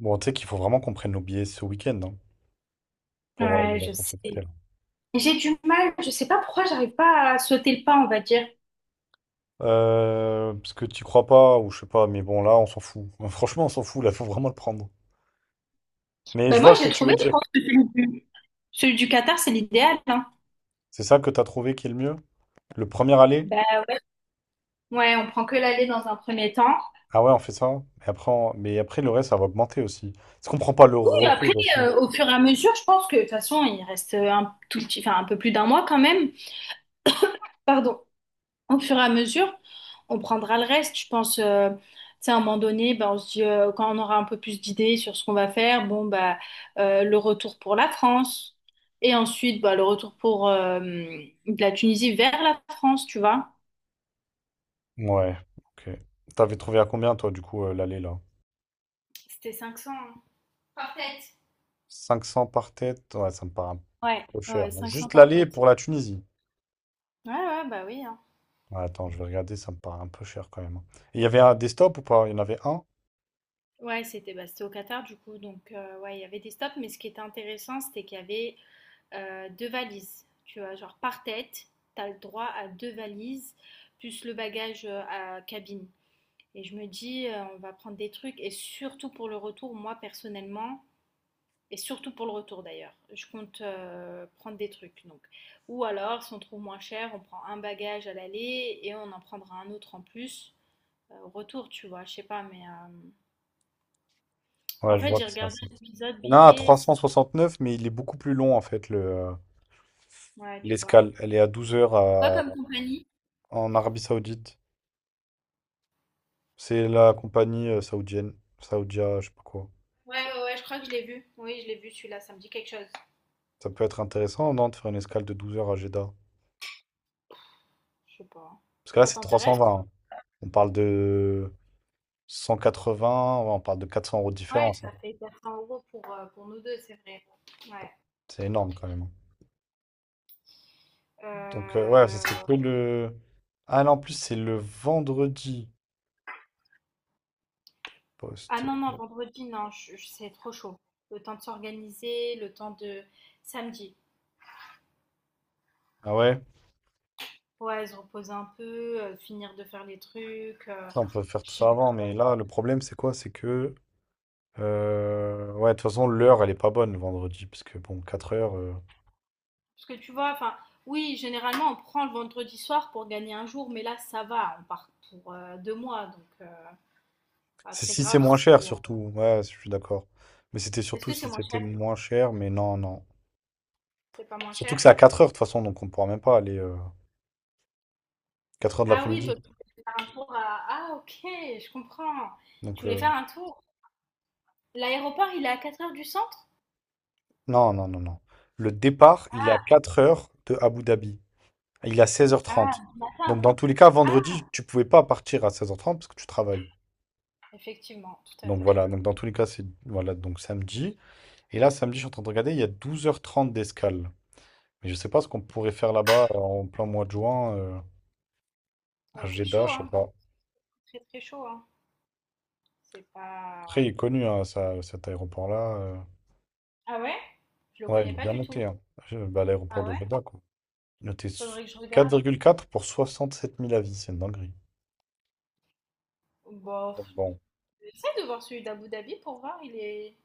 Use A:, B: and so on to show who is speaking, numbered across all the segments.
A: Bon, tu sais qu'il faut vraiment qu'on prenne nos billets ce week-end, hein, pour les
B: Ouais, je
A: vacances
B: sais.
A: cet été, là.
B: J'ai du mal, je sais pas pourquoi j'arrive pas à sauter le pas, on va dire.
A: Parce que tu crois pas, ou je sais pas, mais bon, là, on s'en fout. Franchement, on s'en fout, là, faut vraiment le prendre. Mais je
B: Ben
A: vois
B: moi,
A: ce que
B: j'ai
A: tu veux
B: trouvé, je
A: dire.
B: pense que celui du Qatar, c'est l'idéal, hein.
A: C'est ça que t'as trouvé qui est le mieux? Le premier aller?
B: Ben ouais, on prend que l'aller dans un premier temps.
A: Ah ouais, on fait ça. Et après, mais après, le reste, ça va augmenter aussi. Est-ce qu'on prend pas le
B: Oui, après,
A: retour aussi?
B: au fur et à mesure, je pense que de toute façon, il reste un tout petit, enfin un peu plus d'un mois quand même. Pardon. Au fur et à mesure, on prendra le reste. Je pense, tu sais, à un moment donné, ben, on se dit, quand on aura un peu plus d'idées sur ce qu'on va faire, bon, bah, le retour pour la France. Et ensuite, bah, le retour pour de la Tunisie vers la France, tu vois.
A: Ouais, ok. T'avais trouvé à combien, toi, du coup, l'aller, là?
B: C'était 500, hein. Par tête.
A: 500 par tête? Ouais, ça me paraît un
B: Ouais,
A: peu cher.
B: ouais, 500
A: Juste
B: par
A: l'aller
B: tête.
A: pour la Tunisie.
B: Ouais, ouais, bah oui, hein.
A: Ouais, attends, je vais regarder, ça me paraît un peu cher quand même. Et il y avait un desktop ou pas? Il y en avait un?
B: Ouais, c'était au Qatar, du coup. Donc, ouais, il y avait des stops. Mais ce qui était intéressant, c'était qu'il y avait deux valises. Tu vois, genre par tête, tu as le droit à deux valises, plus le bagage à cabine. Et je me dis, on va prendre des trucs, et surtout pour le retour, moi personnellement, et surtout pour le retour d'ailleurs, je compte prendre des trucs. Donc. Ou alors, si on trouve moins cher, on prend un bagage à l'aller et on en prendra un autre en plus au retour, tu vois. Je sais pas, mais
A: Ouais,
B: en
A: je
B: fait,
A: vois
B: j'ai
A: que c'est un.
B: regardé l'épisode
A: Il y en a un à
B: billet, c'est.
A: 369, mais il est beaucoup plus long en fait, le,
B: Ouais, tu vois.
A: l'escale. Elle est à 12 heures
B: Pas comme compagnie.
A: en Arabie Saoudite. C'est la compagnie saoudienne, Saoudia, je sais pas quoi.
B: Ouais, ouais, ouais, je crois que je l'ai vu. Oui, je l'ai vu celui-là, ça me dit quelque chose.
A: Ça peut être intéressant, non, de faire une escale de 12 heures à Jeddah.
B: Je sais pas.
A: Parce que là,
B: Ça
A: c'est
B: t'intéresse?
A: 320, hein. On parle de 180, ouais, on parle de 400 € de
B: Ouais,
A: différence, hein.
B: ça fait 400 euros pour, pour nous deux, c'est vrai. Ouais.
A: C'est énorme quand même, hein. Donc, ouais, ce
B: Euh,
A: serait que le. Ah non, en plus, c'est le vendredi
B: Ah
A: poste.
B: non, non, vendredi, non, c'est trop chaud. Le temps de s'organiser, le temps de samedi.
A: Ah ouais?
B: Ouais, se reposer un peu, finir de faire les trucs.
A: Ça, on peut faire tout
B: Je
A: ça
B: vais
A: avant, mais
B: travailler.
A: là, le problème, c'est quoi? C'est que. Ouais, de toute façon, l'heure, elle est pas bonne le vendredi, parce que bon, 4 heures.
B: Parce que tu vois, enfin, oui, généralement, on prend le vendredi soir pour gagner un jour, mais là, ça va. On part pour 2 mois, donc pas
A: C'est
B: très
A: si c'est
B: grave
A: moins cher,
B: si,
A: surtout. Ouais, je suis d'accord. Mais c'était
B: Est-ce
A: surtout
B: que c'est
A: si
B: moins
A: c'était
B: cher?
A: moins cher, mais non, non.
B: C'est pas moins
A: Surtout
B: cher?
A: que c'est à 4 heures, de toute façon, donc on pourra même pas aller 4 heures de
B: Ah oui, toi,
A: l'après-midi.
B: tu voulais faire un tour. Ah, ok, je comprends. Tu
A: Donc,
B: voulais faire un tour. L'aéroport, il est à 4 heures du centre?
A: non, non, non, non. Le départ, il est à
B: Ah,
A: 4 heures de Abu Dhabi. Il est à
B: ah,
A: 16h30.
B: du matin.
A: Donc, dans tous les cas,
B: Ah,
A: vendredi, tu pouvais pas partir à 16h30 parce que tu travailles.
B: effectivement, tout à
A: Donc,
B: fait.
A: voilà. Donc, dans tous les cas, c'est voilà, donc samedi. Et là, samedi, je suis en train de regarder, il y a 12h30 d'escale. Mais je sais pas ce qu'on pourrait faire là-bas en plein mois de juin, à
B: Ouais, il fait
A: Jeddah,
B: chaud,
A: je sais
B: hein. Il fait
A: pas.
B: très très chaud, hein. C'est pas.
A: Après, il est connu, hein, cet aéroport-là.
B: Ah ouais? Je le
A: Ouais, il
B: connais
A: est
B: pas
A: bien
B: du tout.
A: noté, hein. Bah, l'aéroport
B: Ah
A: de
B: ouais?
A: Jeddah, quoi. Noté
B: Faudrait que je
A: quatre
B: regarde.
A: virgule quatre pour 67 000 avis, c'est une dinguerie.
B: Bof.
A: Donc, bon,
B: J'essaie de voir celui d'Abu Dhabi pour voir, il est.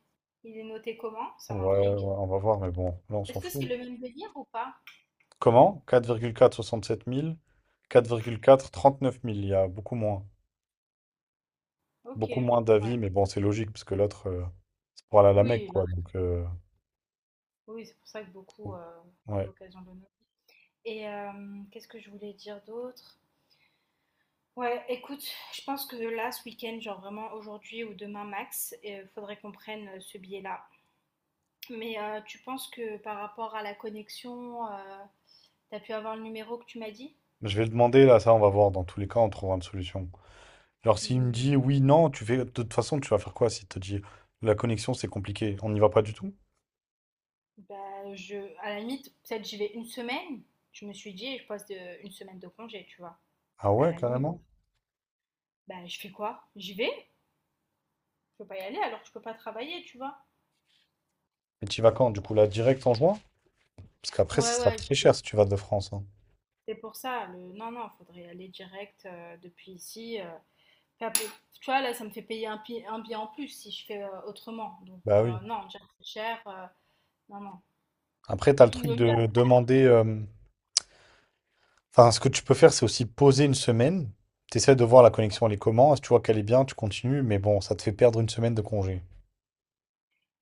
B: Il est noté comment? Ça
A: ouais, ouais,
B: m'intrigue.
A: on va voir, mais bon, là, on
B: Est-ce
A: s'en
B: que c'est
A: fout.
B: le même délire ou pas?
A: Comment? Quatre quatre quatre virgule 67 000, 4,4 39 000. Il y a beaucoup moins.
B: Ok,
A: Beaucoup moins
B: ouais.
A: d'avis, mais bon, c'est logique, parce que l'autre, c'est pour aller à la Mecque,
B: Oui,
A: quoi. Donc,
B: oui, c'est pour ça que beaucoup ont
A: ouais.
B: l'occasion de nous. Et qu'est-ce que je voulais dire d'autre? Ouais, écoute, je pense que là, ce week-end, genre vraiment aujourd'hui ou demain max, il faudrait qu'on prenne ce billet-là. Mais tu penses que par rapport à la connexion, t'as pu avoir le numéro que tu m'as dit?
A: Je vais le demander, là, ça, on va voir. Dans tous les cas, on trouvera une solution. Alors, s'il me
B: Hmm.
A: dit oui, non, tu fais... De toute façon, tu vas faire quoi s'il te dit la connexion, c'est compliqué. On n'y va pas du tout?
B: Bah, je, à la limite, peut-être j'y vais une semaine. Je me suis dit, je passe de, une semaine de congé, tu vois.
A: Ah
B: À
A: ouais,
B: la limite.
A: carrément.
B: Bah, je fais quoi? J'y vais? Je peux pas y aller alors que je peux pas travailler, tu vois.
A: Et tu y vas quand? Du coup, là, direct en juin? Parce qu'après, ça
B: Ouais,
A: sera
B: ouais,
A: très cher si tu vas de France, hein.
B: c'est pour ça. Non, non, il faudrait aller direct depuis ici. Enfin. Tu vois, là, ça me fait payer un billet en plus si je fais autrement. Donc,
A: Bah oui.
B: non, déjà, c'est cher. Non, non.
A: Après, t'as le truc
B: Le mieux,
A: de demander. Enfin, ce que tu peux faire, c'est aussi poser une semaine. Tu essaies de voir la
B: ouais.
A: connexion, elle est comment. Si tu vois qu'elle est bien, tu continues. Mais bon, ça te fait perdre une semaine de congé.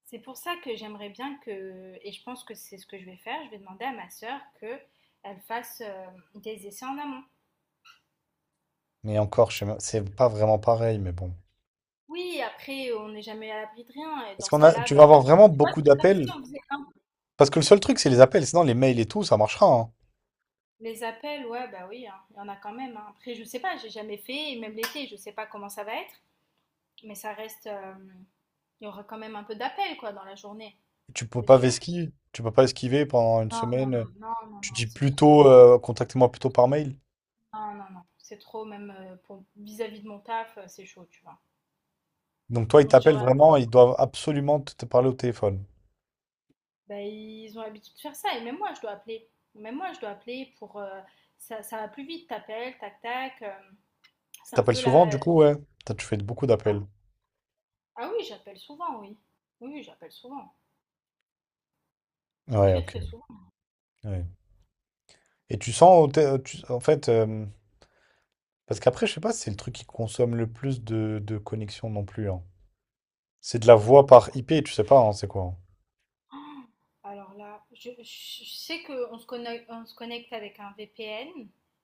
B: C'est pour ça que j'aimerais bien que, et je pense que c'est ce que je vais faire, je vais demander à ma sœur que elle fasse des essais en amont.
A: Mais encore, je sais c'est pas vraiment pareil, mais bon.
B: Oui, après, on n'est jamais à l'abri de rien. Et
A: Parce
B: dans ce
A: qu'on a,
B: cas-là,
A: tu vas
B: bah,
A: avoir vraiment
B: tu vois,
A: beaucoup
B: c'est comme si
A: d'appels.
B: on faisait un.
A: Parce que le seul truc, c'est les appels. Sinon, les mails et tout, ça marchera, hein.
B: Les appels, ouais, bah oui, hein, il y en a quand même, hein. Après, je sais pas, j'ai jamais fait, et même l'été, je sais pas comment ça va être. Mais ça reste. Il y aura quand même un peu d'appel, quoi, dans la journée.
A: Tu peux
B: C'est
A: pas
B: sûr.
A: esquiver. Tu peux pas esquiver pendant une
B: Non, non,
A: semaine.
B: non, non, non,
A: Tu
B: non,
A: dis
B: c'est
A: plutôt,
B: trop.
A: contactez-moi plutôt par mail.
B: Non, non, non. C'est trop, même pour vis-à-vis de mon taf, c'est chaud, tu vois.
A: Donc toi, ils
B: On se
A: t'appellent
B: dira,
A: vraiment. Ils doivent absolument te parler au téléphone.
B: bah, ils ont l'habitude de faire ça. Et même moi, je dois appeler. Même moi, je dois appeler pour. Ça, ça va plus vite, t'appelles, tac, tac.
A: Ils
B: C'est un
A: t'appellent
B: peu
A: souvent,
B: la.
A: du coup, ouais. Toi, tu fais beaucoup d'appels.
B: Ah oui, j'appelle souvent, oui. Oui, oui, j'appelle souvent.
A: Ouais,
B: Très,
A: ok.
B: très souvent.
A: Ouais. Et tu sens, en fait, parce qu'après, je sais pas si c'est le truc qui consomme le plus de connexion non plus, hein. C'est de la voix par IP, tu sais pas, hein, c'est quoi, hein.
B: Alors là, sais qu'on se connecte avec un VPN.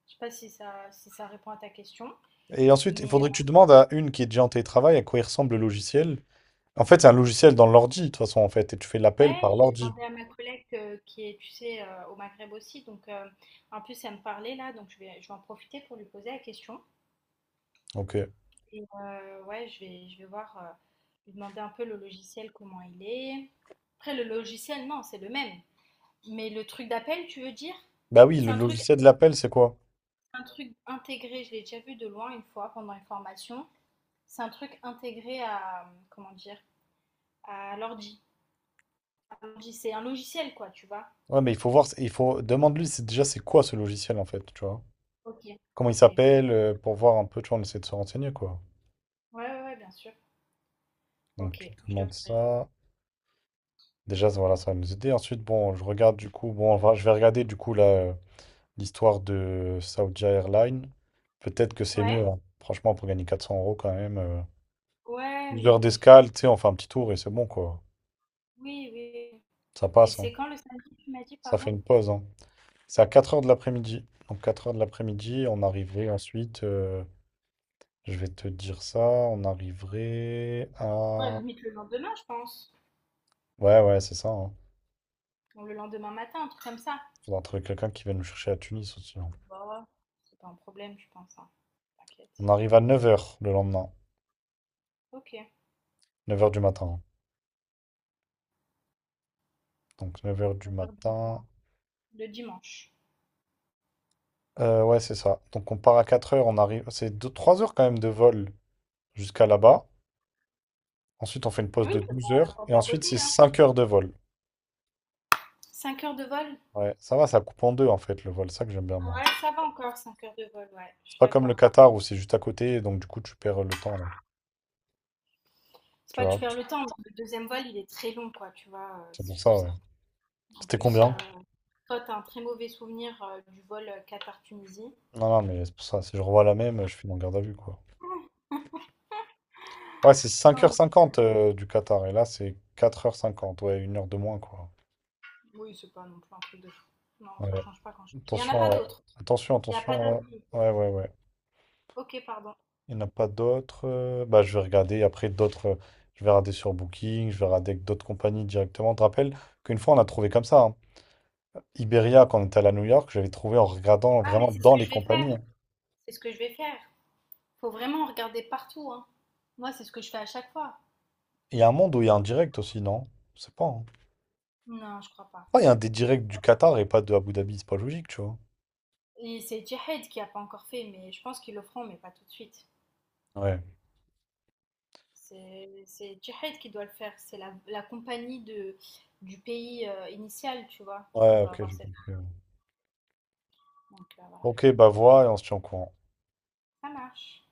B: Je sais pas si ça répond à ta question.
A: Et ensuite, il
B: Mais
A: faudrait que tu demandes à une qui est déjà en télétravail à quoi il ressemble le logiciel. En fait, c'est un logiciel dans l'ordi, de toute façon, en fait, et tu fais l'appel
B: ouais,
A: par
B: je vais
A: l'ordi.
B: demander à ma collègue qui est, tu sais, au Maghreb aussi. Donc en plus, elle me parlait là, donc je vais en profiter pour lui poser la question.
A: Ok.
B: Et ouais, je vais voir, lui demander un peu le logiciel, comment il est. Après, le logiciel, non, c'est le même. Mais le truc d'appel, tu veux dire?
A: Bah oui,
B: C'est
A: le
B: un truc,
A: logiciel de l'appel, c'est quoi?
B: un truc intégré, je l'ai déjà vu de loin une fois pendant une formation. C'est un truc intégré à, comment dire, à l'ordi. À l'ordi, c'est un logiciel, quoi, tu vois.
A: Ouais, mais il faut voir, il faut demande-lui c'est déjà c'est quoi ce logiciel en fait, tu vois.
B: Ok,
A: Comment il
B: ok. Ouais,
A: s'appelle, pour voir un peu, tu vois, on essaie de se renseigner, quoi.
B: ouais, ouais, bien sûr.
A: Donc
B: Ok,
A: tu
B: je te.
A: demandes ça. Déjà, voilà, ça va nous aider. Ensuite, bon, je regarde du coup, bon, je vais regarder du coup l'histoire de Saudi Airlines. Peut-être que c'est
B: Ouais,
A: mieux, hein. Franchement, pour gagner 400 € quand même.
B: ouais,
A: Une
B: mais
A: d'escale, tu sais, on fait un petit tour et c'est bon, quoi.
B: oui, oui.
A: Ça
B: Et
A: passe, hein.
B: c'est quand le samedi, tu m'as dit,
A: Ça
B: pardon?
A: fait une pause, hein. C'est à 4 heures de l'après-midi. Donc, 4 heures de l'après-midi, on arriverait ensuite, je vais te dire ça, on arriverait
B: Ouais,
A: à.
B: limite le lendemain, je pense.
A: Ouais, ouais, c'est ça, hein.
B: Ou le lendemain matin, un truc comme ça.
A: Faudra trouver quelqu'un qui va nous chercher à Tunis aussi, hein.
B: Bah, c'est pas un problème, je pense, hein.
A: On
B: T'inquiète.
A: arrive à 9 heures le lendemain,
B: Ok,
A: neuf heures du matin, hein. Donc neuf heures du
B: 9 heures du mat.
A: matin.
B: Le dimanche.
A: Ouais, c'est ça. Donc on part à quatre heures on arrive. C'est deux trois heures quand même de vol jusqu'à là-bas. Ensuite, on fait une pause
B: Oui,
A: de
B: c'est pas
A: 12
B: à la
A: heures.
B: porte
A: Et
B: d'à
A: ensuite,
B: côté,
A: c'est
B: hein.
A: 5 heures de vol.
B: 5 heures de vol?
A: Ouais, ça va, ça coupe en deux en fait le vol. C'est ça que j'aime bien moi.
B: Ouais, ça va encore, 5 heures de vol, ouais, je
A: C'est
B: suis
A: pas comme le
B: d'accord.
A: Qatar où c'est juste à côté, donc du coup tu perds le temps, là.
B: C'est
A: Tu
B: pas tu
A: vois?
B: perds le temps, le deuxième vol, il est très long, quoi, tu vois,
A: C'est
B: c'est
A: pour
B: tout
A: ça,
B: ça.
A: ouais.
B: En
A: C'était
B: plus,
A: combien?
B: toi, t'as un très mauvais souvenir du vol Qatar-Tunisie.
A: Non, non, mais c'est pour ça. Si je revois la même, je finis en garde à vue, quoi. Ouais, c'est
B: Ah,
A: cinq heures
B: non,
A: cinquante du Qatar. Et là, c'est quatre heures cinquante, ouais, une heure de moins, quoi.
B: oui, c'est pas non plus un truc de fou. Non, ça
A: Ouais.
B: change pas. Il y en a pas
A: Attention, ouais.
B: d'autres.
A: Attention,
B: Il y a pas
A: attention.
B: d'autres
A: Ouais,
B: billets.
A: ouais, ouais, ouais.
B: Ok, pardon.
A: Il n'y en a pas d'autres. Bah, je vais regarder après d'autres. Je vais regarder sur Booking, je vais regarder avec d'autres compagnies directement. Je te rappelle qu'une fois, on a trouvé comme ça, hein. Iberia, quand on était allé à New York, j'avais trouvé en regardant
B: Ah, mais
A: vraiment
B: c'est ce
A: dans
B: que
A: les
B: je vais faire.
A: compagnies, hein.
B: C'est ce que je vais faire. Faut vraiment regarder partout, hein. Moi, c'est ce que je fais à chaque fois.
A: Il y a un monde où il y a un direct aussi, non? Je sais pas, hein.
B: Non, je crois pas.
A: Ah, il y a un des directs du Qatar et pas de Abu Dhabi, c'est pas logique, tu vois.
B: Et c'est Jahed qui a pas encore fait, mais je pense qu'ils le feront, mais pas tout de suite.
A: Ouais.
B: C'est Jihad qui doit le faire, c'est la compagnie du pays initial, tu vois, qui
A: Ouais,
B: doit
A: ok,
B: avoir
A: j'ai
B: cette.
A: compris, ouais.
B: Donc voilà,
A: Ok, bah vois et on se tient au courant.
B: ça marche.